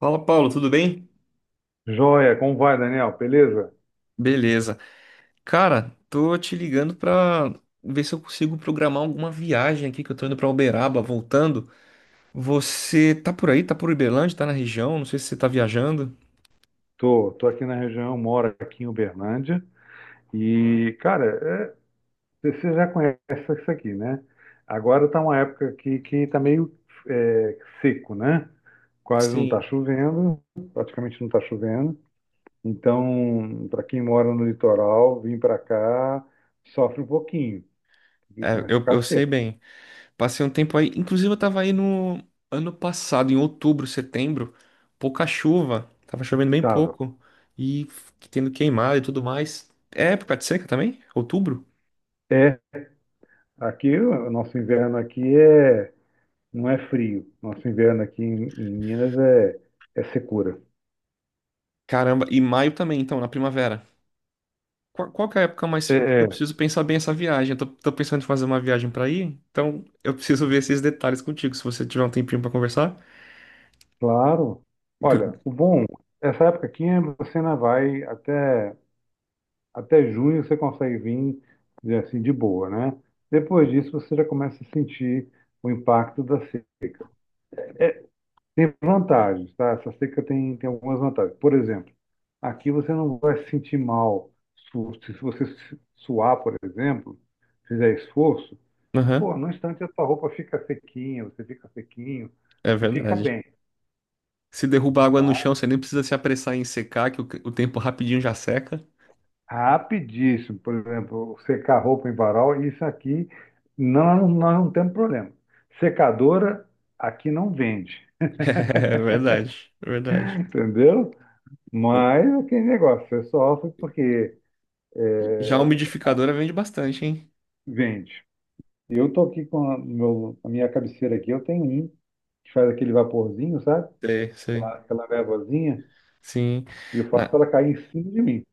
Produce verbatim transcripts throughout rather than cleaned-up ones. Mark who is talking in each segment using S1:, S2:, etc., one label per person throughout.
S1: Fala, Paulo, tudo bem?
S2: Joia, como vai, Daniel? Beleza?
S1: Beleza. Cara, tô te ligando pra ver se eu consigo programar alguma viagem aqui que eu tô indo pra Uberaba, voltando. Você tá por aí? Tá por Uberlândia? Tá na região? Não sei se você tá viajando.
S2: Tô, tô aqui na região, moro aqui em Uberlândia. E, cara, é, você já conhece isso aqui, né? Agora tá uma época que que tá meio é, seco, né? Quase não tá
S1: Sim.
S2: chovendo, praticamente não tá chovendo. Então, para quem mora no litoral, vir para cá sofre um pouquinho, porque
S1: É,
S2: começa a
S1: eu,
S2: ficar
S1: eu sei
S2: seco.
S1: bem. Passei um tempo aí. Inclusive, eu tava aí no ano passado, em outubro, setembro. Pouca chuva. Tava chovendo bem
S2: Tava.
S1: pouco. E tendo queimado e tudo mais. É época de seca também? Outubro?
S2: É, aqui, o nosso inverno aqui é não é frio. Nosso inverno aqui em, em Minas é, é secura.
S1: Caramba. E maio também, então, na primavera. Qual, qual que é a época mais.
S2: É,
S1: Porque eu
S2: é,
S1: preciso pensar bem essa viagem. Eu tô, tô pensando em fazer uma viagem pra ir, então eu preciso ver esses detalhes contigo, se você tiver um tempinho pra conversar.
S2: claro.
S1: Por-
S2: Olha, o bom, essa época aqui é, você ainda vai até, até junho, você consegue vir dizer assim, de boa, né? Depois disso, você já começa a sentir o impacto da seca. É, tem vantagens, tá? Essa seca tem, tem algumas vantagens. Por exemplo, aqui você não vai se sentir mal. Su- Se você su- suar, por exemplo, fizer esforço,
S1: Aham,
S2: pô, no instante a tua roupa fica sequinha, você fica sequinho,
S1: é
S2: você fica
S1: verdade.
S2: bem,
S1: Se derrubar água no
S2: tá?
S1: chão, você nem precisa se apressar em secar, que o, o tempo rapidinho já seca.
S2: Rapidíssimo. Por exemplo, secar roupa em varal, isso aqui não, nós não temos problema. Secadora aqui não vende,
S1: É verdade, é verdade.
S2: entendeu?
S1: O-
S2: Mas aquele negócio, é só porque
S1: Já a
S2: é,
S1: umidificadora vende bastante, hein?
S2: vende. Eu tô aqui com a, meu- a minha cabeceira aqui, eu tenho um que faz aquele vaporzinho, sabe?
S1: Sei,
S2: Aquela,
S1: sei.
S2: aquela névoazinha,
S1: Sim.
S2: e eu faço
S1: Na-
S2: ela cair em cima de mim.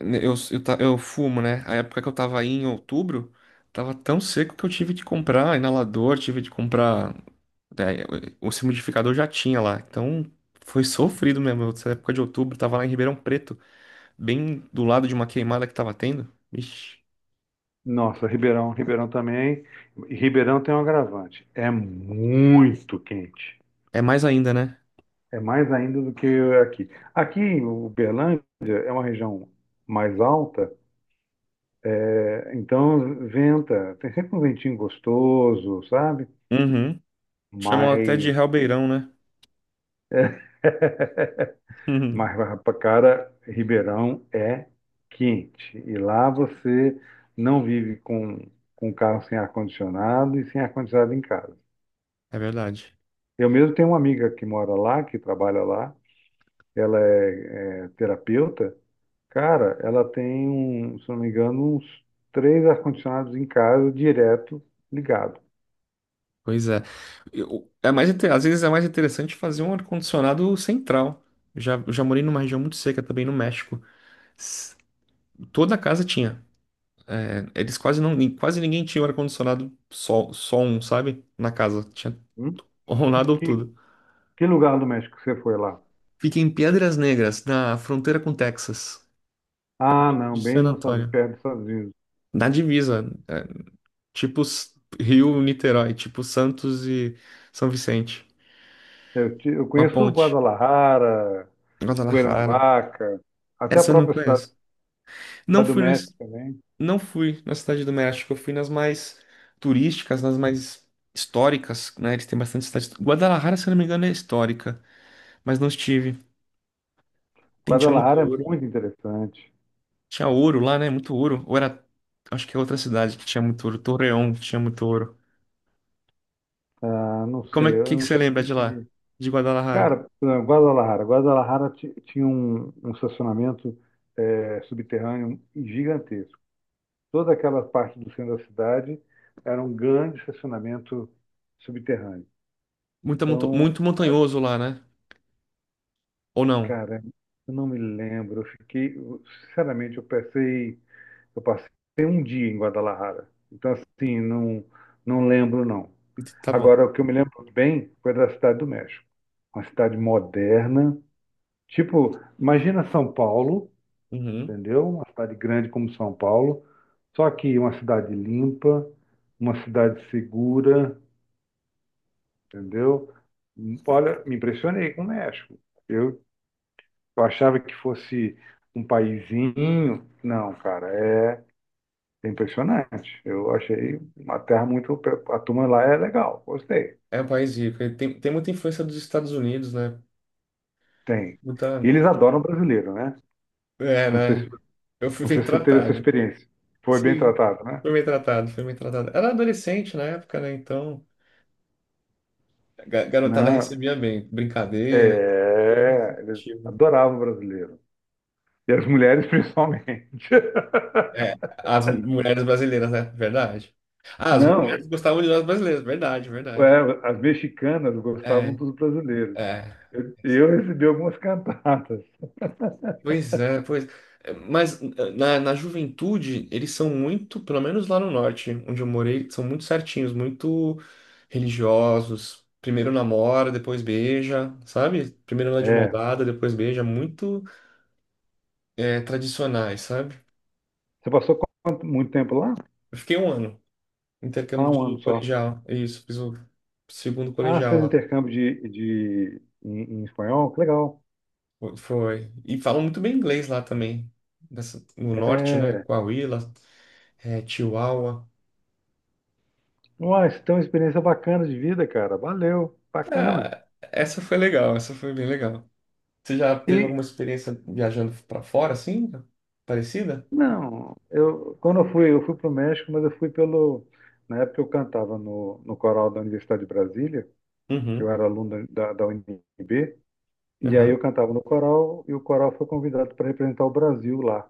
S1: eu, eu, ta- eu fumo, né? A época que eu tava aí em outubro, tava tão seco que eu tive de comprar inalador, tive de comprar. É, o o umidificador já tinha lá, então foi sofrido mesmo. Nessa época de outubro, tava lá em Ribeirão Preto, bem do lado de uma queimada que tava tendo. Ixi,
S2: Nossa, Ribeirão, Ribeirão também. E Ribeirão tem um agravante. É muito quente.
S1: é mais ainda, né?
S2: É mais ainda do que aqui. Aqui, o Uberlândia é uma região mais alta, é, então venta. Tem sempre um ventinho gostoso, sabe?
S1: Uhum. Chamam até de
S2: Mas,
S1: Realbeirão, né? Uhum.
S2: mas pra cara, Ribeirão é quente. E lá você não vive com, com carro sem ar-condicionado e sem ar-condicionado em casa.
S1: É verdade.
S2: Eu mesmo tenho uma amiga que mora lá, que trabalha lá. Ela é, é terapeuta, cara, ela tem um, se não me engano, uns três ar-condicionados em casa, direto, ligado.
S1: Pois é. Eu- é mais, inte- às vezes é mais interessante fazer um ar-condicionado central. Eu Já, eu já morei numa região muito seca também no México. S- Toda casa tinha. É, eles quase não, quase ninguém tinha um ar-condicionado só, só um, sabe? Na casa. Tinha.
S2: Hum?
S1: Ou
S2: Que,
S1: nada ou
S2: que,
S1: tudo.
S2: que lugar do México que você foi lá?
S1: Fica em Piedras Negras, na fronteira com Texas,
S2: Ah, não,
S1: de
S2: bem
S1: San
S2: nos Estados Unidos,
S1: Antonio.
S2: perto dos Estados Unidos.
S1: Na divisa, é, tipo S- Rio, Niterói, tipo Santos e São Vicente.
S2: Eu, te- eu
S1: Uma
S2: conheço
S1: ponte.
S2: Guadalajara,
S1: Guadalajara.
S2: Cuernavaca, até a
S1: Essa eu não
S2: própria cidade,
S1: conheço. Não
S2: cidade do
S1: fui
S2: México
S1: nas,
S2: também.
S1: não fui na Cidade do México, eu fui nas mais turísticas, nas mais históricas, né? Eles têm bastante cidade. Guadalajara, se eu não me engano, é histórica, mas não estive. Tem, tinha muito
S2: Guadalajara é
S1: ouro.
S2: muito interessante.
S1: Tinha ouro lá, né? Muito ouro. Ou era. Acho que é outra cidade que tinha muito ouro. Torreão tinha muito ouro.
S2: Ah, não
S1: E como é
S2: sei, eu
S1: que, que
S2: não
S1: você
S2: che-
S1: lembra
S2: não
S1: de lá?
S2: cheguei.
S1: De Guadalajara?
S2: Cara, eh, Guadalajara. Guadalajara ti- tinha um, um estacionamento eh, subterrâneo gigantesco. Toda aquela parte do centro da cidade era um grande estacionamento subterrâneo.
S1: Muita monta-
S2: Então,
S1: Muito montanhoso lá, né? Ou não?
S2: cara, eu não me lembro. Eu fiquei, eu- sinceramente, eu passei, eu passei um dia em Guadalajara. Então, assim, não, não lembro, não.
S1: Tá bom.
S2: Agora, o que eu me lembro bem foi da cidade do México. Uma cidade moderna. Tipo, imagina São Paulo,
S1: Uhum.
S2: entendeu? Uma cidade grande como São Paulo, só que uma cidade limpa, uma cidade segura, entendeu? Olha, me impressionei com o México. Eu achava que fosse um paizinho, não, cara, é impressionante. Eu achei uma terra muito, a turma lá é legal, gostei.
S1: É um país rico. Ele Tem, tem muita influência dos Estados Unidos, né?
S2: Tem.
S1: Muita.
S2: E eles adoram brasileiro, né?
S1: É,
S2: Não sei se,
S1: né? Eu fui
S2: não
S1: bem
S2: sei se você teve essa
S1: tratado.
S2: experiência. Foi bem
S1: Sim.
S2: tratado, né?
S1: Fui bem tratado, fui bem tratado. Era adolescente na época, né? Então, a ga- garotada
S2: Não,
S1: recebia bem. Brincadeira, tudo
S2: é, eles
S1: receptivo.
S2: adoravam brasileiro. E as mulheres principalmente.
S1: É, as mulheres brasileiras, né? Verdade. Ah, as
S2: Não,
S1: mulheres gostavam de nós brasileiros, verdade, verdade.
S2: é, as mexicanas gostavam
S1: É,
S2: dos brasileiros.
S1: é.
S2: Eu, eu recebi algumas cantatas.
S1: Pois é, pois. É, mas eh, na, na juventude, eles são muito, pelo menos lá no norte, onde eu morei, são muito certinhos, muito religiosos. Primeiro namora, depois beija, sabe? Primeiro anda de mão
S2: É.
S1: dada, depois beija, muito é, tradicionais, sabe?
S2: Você passou quanto- muito tempo lá?
S1: Eu fiquei um ano,
S2: Ah,
S1: intercâmbio
S2: um
S1: de
S2: ano só.
S1: colegial, é isso, fiz o segundo
S2: Ah, você
S1: colegial
S2: fez
S1: lá.
S2: intercâmbio de, de, em, em espanhol? Que legal.
S1: Foi. Foi. E falam muito bem inglês lá também. Nessa- no norte, né?
S2: É.
S1: Coahuila, é, Chihuahua.
S2: Uai, você tem uma experiência bacana de vida, cara. Valeu, bacana.
S1: Ah, essa foi legal, essa foi bem legal. Você já teve
S2: E,
S1: alguma experiência viajando pra fora, assim? Parecida?
S2: não, eu, quando eu fui, eu fui para o México, mas eu fui pelo. Na época eu cantava no, no coral da Universidade de Brasília. Eu
S1: Uhum.
S2: era aluno da, da U N B, e aí
S1: Aham.
S2: eu cantava no coral, e o coral foi convidado para representar o Brasil lá,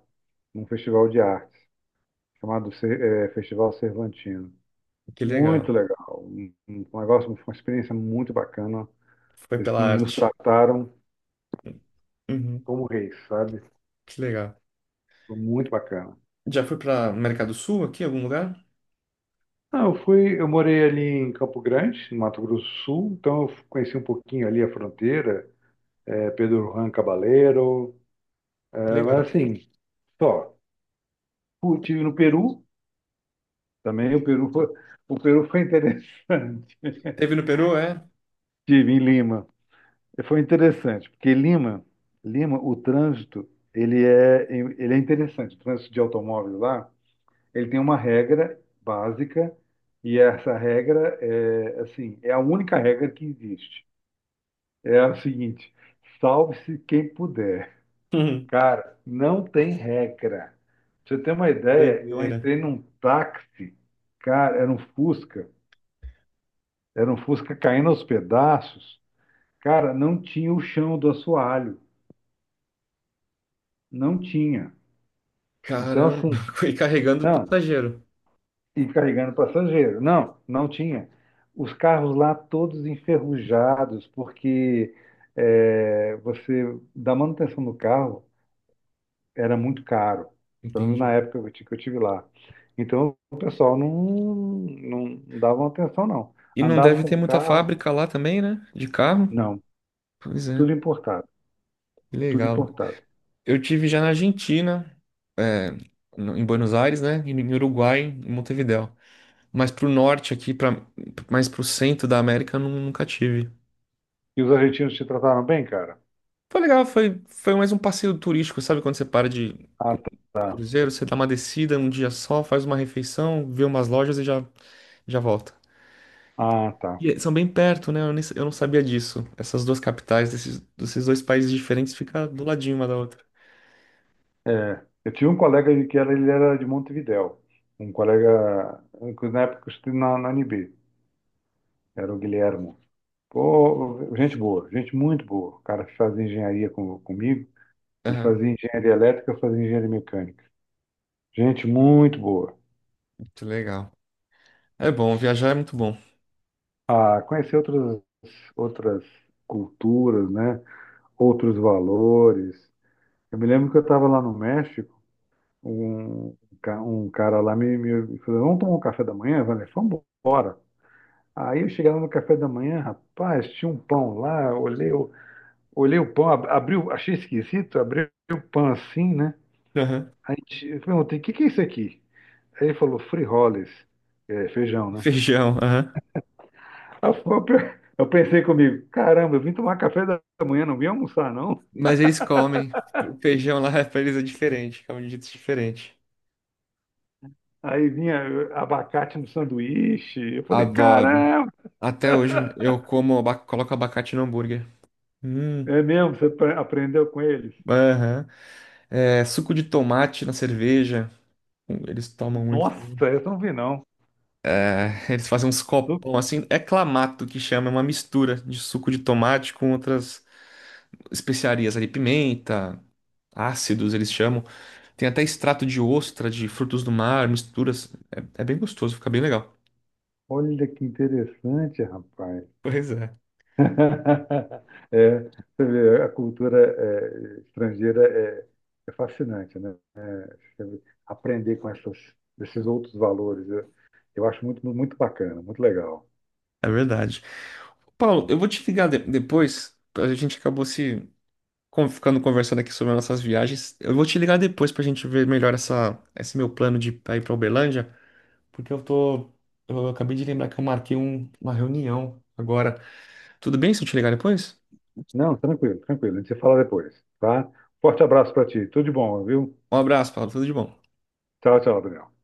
S2: num festival de artes, chamado Cer- eh, Festival Cervantino.
S1: Que
S2: Muito
S1: legal.
S2: legal, um, um negócio, uma experiência muito bacana.
S1: Foi
S2: Eles
S1: pela
S2: nos
S1: arte.
S2: trataram
S1: Uhum.
S2: como reis, sabe?
S1: Que legal.
S2: Foi muito bacana.
S1: Já foi pra América do Sul aqui, em algum lugar?
S2: Ah, eu fui, eu morei ali em Campo Grande, no Mato Grosso do Sul, então eu conheci um pouquinho ali a fronteira, eh, Pedro Juan Cabaleiro, eh,
S1: Legal.
S2: mas assim, só. Estive no Peru. Também o Peru foi, o Peru foi interessante.
S1: Teve no Peru, é?
S2: Estive em Lima. Foi interessante, porque Lima, Lima, o trânsito, ele é, ele é interessante. O trânsito de automóveis lá, ele tem uma regra básica, e essa regra é, assim, é a única regra que existe. É a seguinte: salve-se quem puder.
S1: Uhum.
S2: Cara, não tem regra. Pra você ter uma ideia, eu
S1: Doideira.
S2: entrei num táxi, cara, era um Fusca, era um Fusca caindo aos pedaços. Cara, não tinha o chão do assoalho. Não tinha. Então, assim,
S1: Caramba. Foi carregando
S2: não.
S1: passageiro.
S2: E carregando passageiro. Não, não tinha. Os carros lá todos enferrujados, porque é, você, da manutenção do carro, era muito caro. Pelo menos na
S1: Entendi.
S2: época que eu ti- que eu tive lá. Então, o pessoal não, não dava atenção, não.
S1: E não
S2: Andava
S1: deve
S2: com
S1: ter
S2: o
S1: muita
S2: carro,
S1: fábrica lá também, né? De carro.
S2: não.
S1: Pois é,
S2: Tudo importado.
S1: que
S2: Tudo
S1: legal.
S2: importado.
S1: Eu tive já na Argentina, é, no- em Buenos Aires, né? E no Uruguai, em Montevidéu. Mas pro norte aqui, pra, mais pro centro da América, eu nu- nunca tive.
S2: E os argentinos te trataram bem, cara?
S1: Foi legal, foi, foi mais um passeio turístico, sabe? Quando você para de
S2: Ah,
S1: cru-
S2: tá.
S1: cruzeiro, você dá uma descida um dia só, faz uma refeição, vê umas lojas e já, já volta.
S2: Ah, tá.
S1: E eh, são bem perto, né? Eu, nem- eu não sabia disso. Essas duas capitais desses, desses dois países diferentes ficam do ladinho uma da outra.
S2: É, eu tinha um colega que era, ele era de Montevidéu. Um colega, que na época eu estudei na, na U N B, era o Guilhermo. Pô, gente boa, gente muito boa. O cara que fazia engenharia com, comigo, ele
S1: Aham,
S2: fazia engenharia elétrica, eu fazia engenharia mecânica. Gente muito boa.
S1: muito legal. É bom, viajar é muito bom.
S2: Ah, conhecer outras, outras culturas, né? Outros valores. Eu me lembro que eu estava lá no México, um, ca- um cara lá me, me falou, vamos tomar um café da manhã? Eu falei, vamos embora. Aí eu cheguei lá no café da manhã, rapaz, tinha um pão lá, olhei, o- olhei o pão, ab- abri, o- achei esquisito, abri o pão assim, né?
S1: Aham.
S2: Aí t- eu perguntei, o que que é isso aqui? Aí ele falou, frijoles, é, feijão, né?
S1: Feijão, aham.
S2: Aí Eu, eu pe- eu pensei comigo, caramba, eu vim tomar café da manhã, não vim almoçar, não.
S1: Mas eles comem. O feijão lá pra eles é diferente, é um jeito diferente.
S2: Aí vinha eh, abacate no sanduíche, eu falei,
S1: Adoro.
S2: caramba,
S1: Até hoje eu como, aba- coloco abacate no hambúrguer. Hum,
S2: é mesmo, você pre- aprendeu com eles?
S1: aham. É, suco de tomate na cerveja. Hum, Eles tomam muito.
S2: Nossa, essa eu não vi não.
S1: É, eles fazem uns
S2: Tô-
S1: copão assim. É clamato que chama, é uma mistura de suco de tomate com outras especiarias ali, pimenta, ácidos, eles chamam. Tem até extrato de ostra, de frutos do mar, misturas. É, é bem gostoso, fica bem legal.
S2: Olha que interessante, rapaz.
S1: Pois é.
S2: É, você vê, a cultura é, estrangeira é, é fascinante, né? É, você vê, aprender com essas, esses outros valores, eu, eu acho muito, muito bacana, muito legal.
S1: É verdade. Paulo, eu vou te ligar de- depois. A gente acabou se con- ficando conversando aqui sobre as nossas viagens. Eu vou te ligar depois pra gente ver melhor essa, esse meu plano de pra ir pra Uberlândia, porque eu tô. Eu acabei de lembrar que eu marquei um- uma reunião agora. Tudo bem se eu te ligar depois?
S2: Não, tranquilo, tranquilo. A gente se fala depois, tá? Forte abraço para ti. Tudo de bom, viu?
S1: Um abraço, Paulo. Tudo de bom.
S2: Tchau, tchau, Daniel.